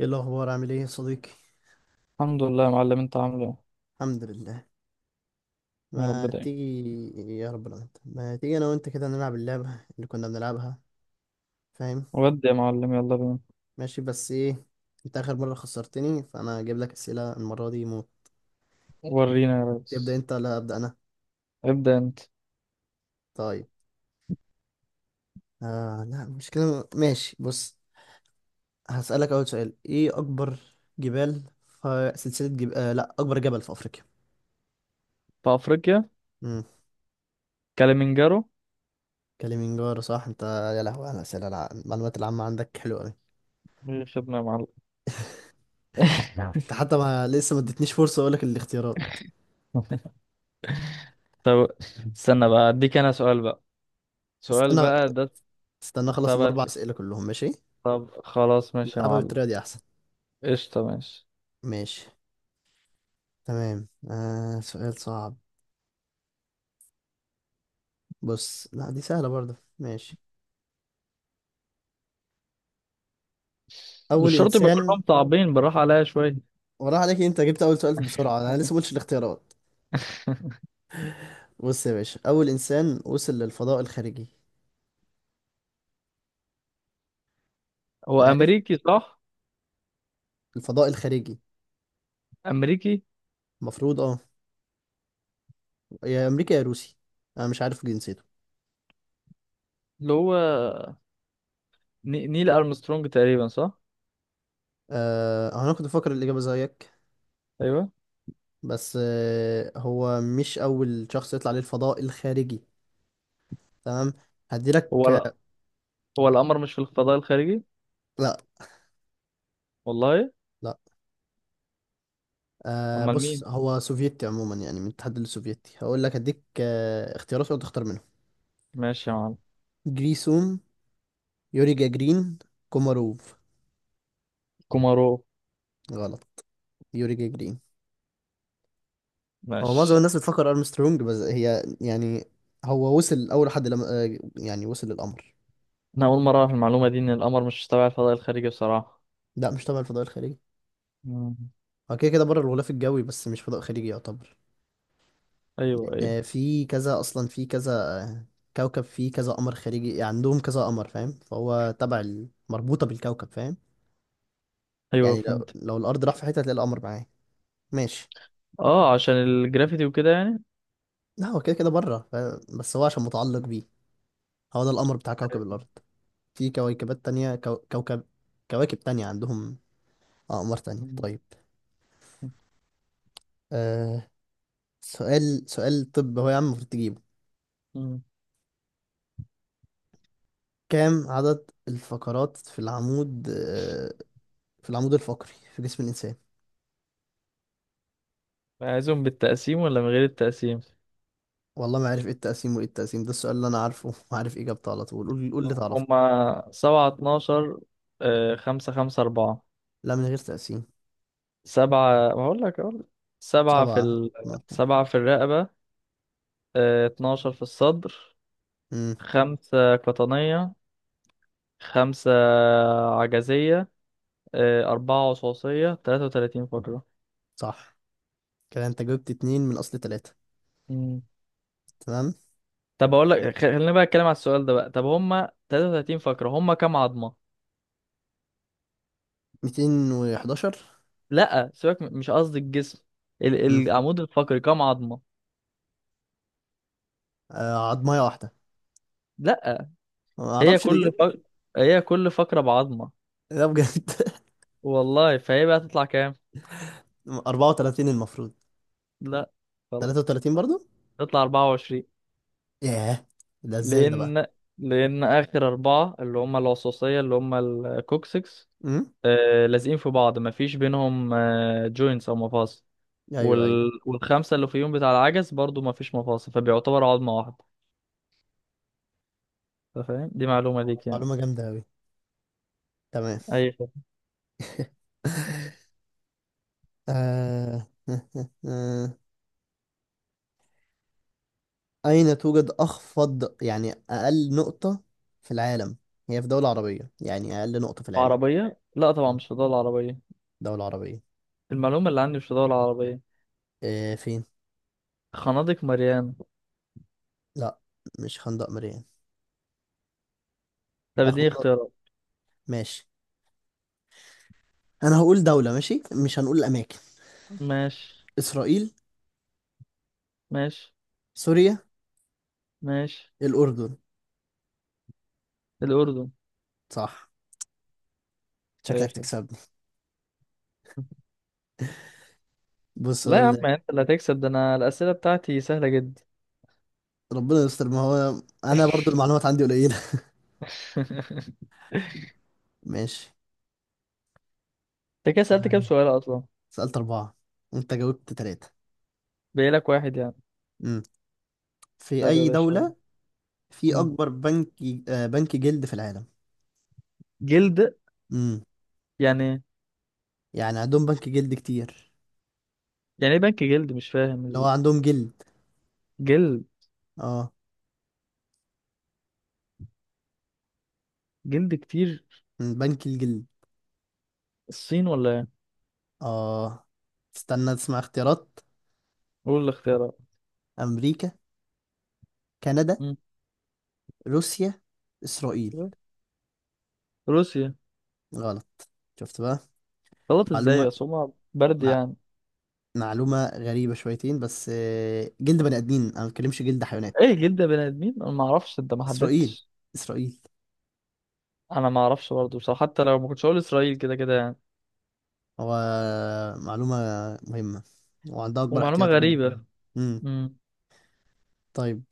ايه الاخبار؟ عامل ايه يا صديقي؟ الحمد لله يا معلم، انت عامل ايه؟ الحمد لله. يا ما رب دايما. تيجي. يا رب، لو انت ما تيجي انا وانت كده نلعب اللعبه اللي كنا بنلعبها، فاهم؟ ودي يا معلم، يلا بينا. ماشي، بس ايه؟ انت اخر مره خسرتني، فانا هجيب لك اسئله المره دي موت. ورينا يا تبدا ريس. انت ولا ابدا انا؟ ابدأ انت. طيب. لا مش كده، ماشي، بص. هسالك اول سؤال، ايه اكبر جبال في سلسله جب... آه لا، اكبر جبل في افريقيا؟ في افريقيا. امم. كليمنجارو. كليمنجارو، صح. انت يا لهوي على الاسئله، المعلومات العامه عندك حلوه قوي. ايه خدنا يا معلم؟ انت حتى ما لسه ما ادتنيش فرصه اقول لك الاختيارات. طب، استنى بقى اديك انا سؤال بقى. سؤال استنى، بقى ده. استنى اخلص تبع. 4 اسئله كلهم، ماشي؟ طب خلاص ماشي يا نلعبها معلم. بالطريقه دي احسن. قشطة، ماشي. ماشي. تمام، سؤال صعب. بص، لا دي سهله برضه، ماشي. مش اول شرط يبقى انسان. كلهم صعبين، بالراحة عليا شوية. وراح عليك، انت جبت اول سؤال بسرعه، انا لسه ما قلتش الاختيارات. بص يا باشا، اول انسان وصل للفضاء الخارجي. هو عارف؟ امريكي صح؟ الفضاء الخارجي. امريكي. المفروض، اه. يا امريكا يا روسي، انا مش عارف جنسيته. اللي هو نيل ارمسترونج تقريبا صح؟ انا كنت بفكر الاجابه زيك. ايوه. بس هو مش اول شخص يطلع للفضاء الخارجي. تمام. هديلك. هو لا، هو القمر مش في الفضاء الخارجي؟ لا. والله. لا. امال بص، مين؟ هو سوفيتي عموما، يعني من الاتحاد السوفيتي. هقول لك هديك اختيارات وانت تختار منهم. ماشي يا معلم. جريسوم، يوري جاجرين، كوماروف. كومارو. غلط. يوري جاجرين. هو معظم ماشي. الناس بتفكر ارمسترونج، بس هي يعني هو وصل اول حد لم... آه، يعني وصل للقمر. انا اول مره اعرف المعلومه دي ان القمر مش تبع الفضاء الخارجي بصراحه. لا، مش تبع الفضاء الخارجي. مم. هو كده كده بره الغلاف الجوي، بس مش فضاء خارجي يعتبر. ايوه ايوه. لان في كذا اصلا، في كذا آه، كوكب فيه كذا قمر خارجي، يعني عندهم كذا قمر، فاهم؟ فهو تبع مربوطة بالكوكب، فاهم؟ ايوه يعني لو فهمت. لو الارض راح في حته هتلاقي القمر معاه، ماشي؟ اه، عشان الجرافيتي وكده يعني. لا، هو كده كده بره بس هو عشان متعلق بيه. هو ده القمر بتاع كوكب الارض. في كويكبات تانية كوكب، كواكب تانية عندهم اقمار تانية. مم. طيب. آه... سؤال، سؤال، طب هو يا عم المفروض تجيبه. مم. كام عدد الفقرات في العمود، في العمود الفقري في جسم الانسان؟ عايزهم بالتقسيم ولا من غير التقسيم؟ والله ما عارف ايه التقسيم وايه التقسيم، ده السؤال اللي انا عارفه وعارف اجابته على طول. قول، قول اللي تعرفه. هما سبعة اتناشر. خمسة خمسة أربعة. لا، من غير تقسيم. سبعة، هقول لك أقول لك. سبعة في سبعة، ال... اتناشر. سبعة في الرقبة، 12 في الصدر، امم. خمسة قطنية، خمسة عجزية، أربعة وصاصية، 33 فقرة. صح. كده انت جبت 2 من اصل 3. مم. تمام. طب أقول لك، خلينا بقى أتكلم على السؤال ده بقى. طب هما 33 فقرة، هما كام عظمة؟ 211. لأ سيبك، مش قصدي الجسم، امم. العمود الفقري كام عظمة؟ عضماية واحدة. لأ. ما هي اعرفش ليه كل جبت. فقرة هي كل فقرة بعظمة. لا، بجد. والله، فهي بقى تطلع كام؟ 34 المفروض. لأ تلاتة خلاص. وتلاتين برضو. تطلع 24. ياه، ده ازاي ده بقى؟ لأن لأن آخر أربعة اللي هما العصاصية اللي هما الكوكسكس، امم. آه لازقين في بعض مفيش بينهم آه جوينتس أو مفاصل. ايوه، ايوه. والخمسة اللي فيهم بتاع العجز برضو ما فيش مفاصل، فبيعتبر عظمة واحدة. أنت فاهم؟ دي معلومة ليك يعني. معلومة جامدة اوي. تمام. أي خدمة. آه... أين توجد أخفض، يعني أقل نقطة في العالم؟ هي في دولة عربية، يعني أقل نقطة في العالم. عربية؟ لا طبعا، مم. مش فضاء العربية. دولة عربية. المعلومة اللي عندي مش فضاء العربية. فين؟ خنادق مليانة. لا، مش خندق مريا. طب اديني اخبارات، اختيارات. ماشي. انا هقول دولة، ماشي، مش هنقول اماكن. ماشي. اسرائيل، ماشي. سوريا، ماشي. الاردن. الأردن. صح. أي شكلك خدمة. تكسبني. بص لا يا اقول عم، لك. انت اللي هتكسب ده، انا الأسئلة بتاعتي سهلة جدا. ربنا يستر، ما هو انا برضو المعلومات عندي قليلة. ماشي. انت كده سألت كام أنا سؤال اصلا؟ سألت 4، وانت جاوبت 3. باقيلك واحد يعني. امم. في طب يا اي باشا. دولة في مم. اكبر بنك ج- آه، بنك جلد في العالم؟ جلد؟ امم. يعني. يعني عندهم بنك جلد كتير. يعني ايه بنك جلد؟ مش اللي هو فاهم. عندهم جلد. الجلد. اه. جلد كتير. بنك الجلد. الصين ولا ايه؟ اه. استنى تسمع اختيارات. قول الاختيارات. امريكا، كندا، مم. روسيا، اسرائيل. روسيا. غلط. شفت بقى؟ غلط ازاي معلومة بس؟ هما برد مع... يعني. معلومة غريبة شويتين، بس جلد بني آدمين، انا ما بتكلمش جلد حيوانات. ايه جلد بني ادمين؟ انا ما اعرفش، انت ما اسرائيل. حددتش. اسرائيل. انا ما اعرفش برضه بصراحه، حتى لو ما كنتش هقول اسرائيل كده كده يعني. هو معلومة مهمة، وعندها اكبر ومعلومه احتياطي جلد غريبه. كمان. امم. مم. طيب،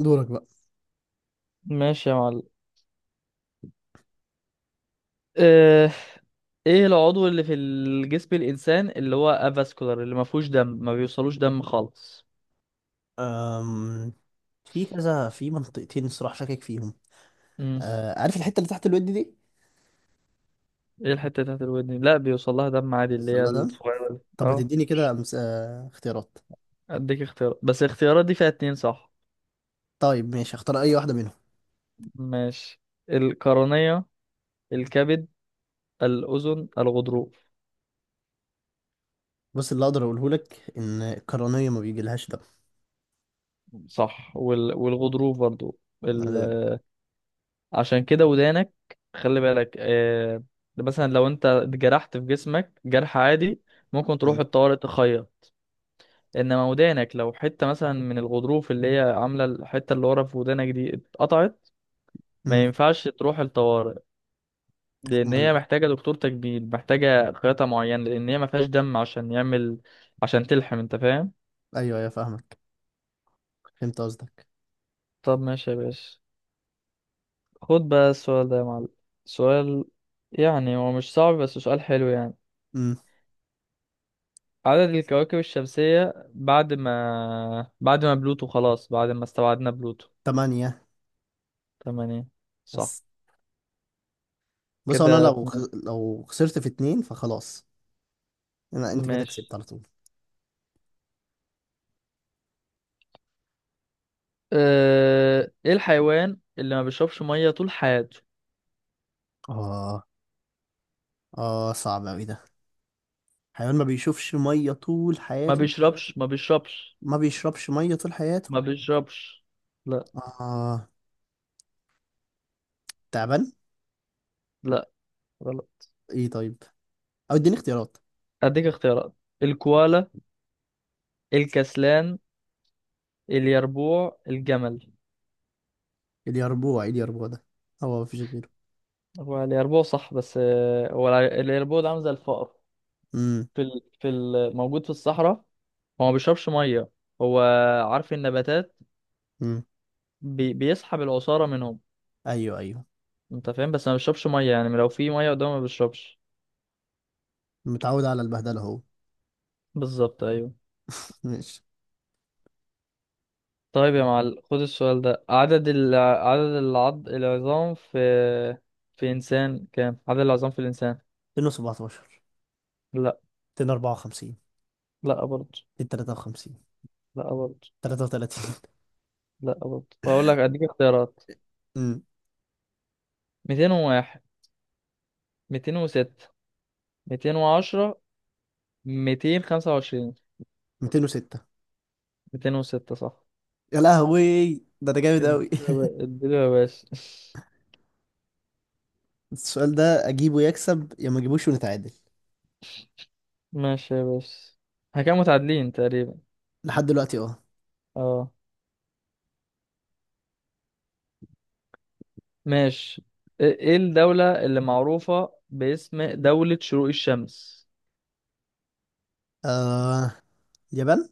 دورك بقى. ماشي يا معلم. اه... ايه العضو اللي في الجسم الانسان اللي هو افاسكولار، اللي ما فيهوش دم، ما بيوصلوش دم خالص؟ أم... في كذا، في منطقتين الصراحة شاكك فيهم. مم. عارف الحتة اللي تحت الود دي؟ ايه الحته بتاعت الودن؟ لا، بيوصل لها دم عادي، اللي هي السلة ده. الصغيره دي طب ما اه. تديني كده مس... آه، اختيارات. اديك اختيارات، بس الاختيارات دي فيها اتنين صح. طيب، ماشي، اختار اي واحدة منهم. ماشي. القرنية، الكبد، الأذن الغضروف. بص، اللي اقدر اقوله لك ان القرنية ما بيجيلهاش دم. صح، والغضروف برضو. ال... يعني- عشان كده ودانك، خلي بالك. مثلا لو انت اتجرحت في جسمك جرح عادي ممكن تروح مم. الطوارئ تخيط، انما ودانك لو حتة مثلا من الغضروف اللي هي عاملة الحتة اللي ورا في ودانك دي اتقطعت، ما مم. ينفعش تروح الطوارئ، لان هي امال. محتاجة دكتور تجميل، محتاجة خياطة معينة، لان هي ما فيهاش دم عشان يعمل، عشان تلحم. انت فاهم؟ ايوه، ايوه، فاهمك. فهمت قصدك. طب ماشي يا باشا. خد بقى السؤال ده يا معلم. سؤال، يعني هو مش صعب بس سؤال حلو يعني. امم. عدد الكواكب الشمسية بعد ما بلوتو، خلاص بعد ما استبعدنا بلوتو. 8. تمانية. صح. بس بص، انا كده لو اتنين. لو خسرت في 2 فخلاص. انا، انت كده ماشي. كسبت على طول. اه... ايه الحيوان اللي ما بيشربش مية طول حياته؟ اه. اه، صعب اوي ده. حيوان ما بيشوفش مية طول ما حياته. بيشربش ما بيشربش ما بيشربش مية طول حياته. ما بيشربش. لا. اه. تعبان. لا، غلط. ايه طيب، او اديني اختيارات. اديك اختيارات: الكوالا، الكسلان، اليربوع، الجمل. اليربوع، ايه اليربوع ده؟ هو مفيش غيره. هو اليربوع صح، بس هو اليربوع ده عامل زي الفقر. امم. موجود في الصحراء. هو ما بيشربش ميه. هو عارف النباتات، امم. بيسحب العصاره منهم. ايوه، ايوه. انت فاهم؟ بس ما بيشربش ميه يعني، لو في ميه قدامه ما بيشربش. متعود على البهدله هو. بالظبط ايوه. ماشي. طيب يا معلم، خد السؤال ده. عدد ال... عدد العض... العظام في انسان، كام عدد العظام في الانسان؟ 217، لا. 254، لا برضه. 253، لا برضه. 33. لا برضه، بقول لك اديك اختيارات. امم. 201، 206، 210، 225. 206. 206 صح. يا لهوي، ده انا جامد قوي. اديله يا باشا. السؤال ده اجيبه يكسب، يا ما اجيبوش ونتعادل. ماشي يا باشا. احنا كده متعادلين تقريبا. لحد دلوقتي، اه. اه. ماشي. إيه الدولة اللي معروفة باسم دولة شروق الشمس؟ آه، اليابان.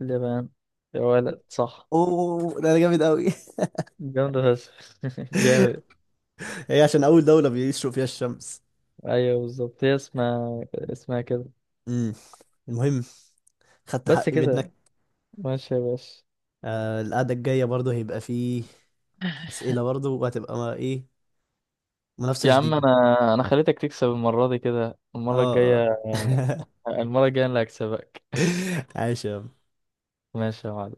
اليابان. يا ولد صح. اوه، ده انا جامد قوي. جامدة بس. جامد. هي عشان اول دولة بيشرق فيها الشمس. ايوه بالظبط، هي اسمها اسمها كده. امم. المهم، خدت بس حقي كده. منك. ماشي يا باشا. القعدة الجاية برضو هيبقى فيه أسئلة برضو، وهتبقى ايه، منافسة يا عم شديدة. انا خليتك تكسب المرة دي، كده المرة اه، اه. الجاية، المرة الجاية انا اللي هكسبك. عاش يا ماشي يا معلم.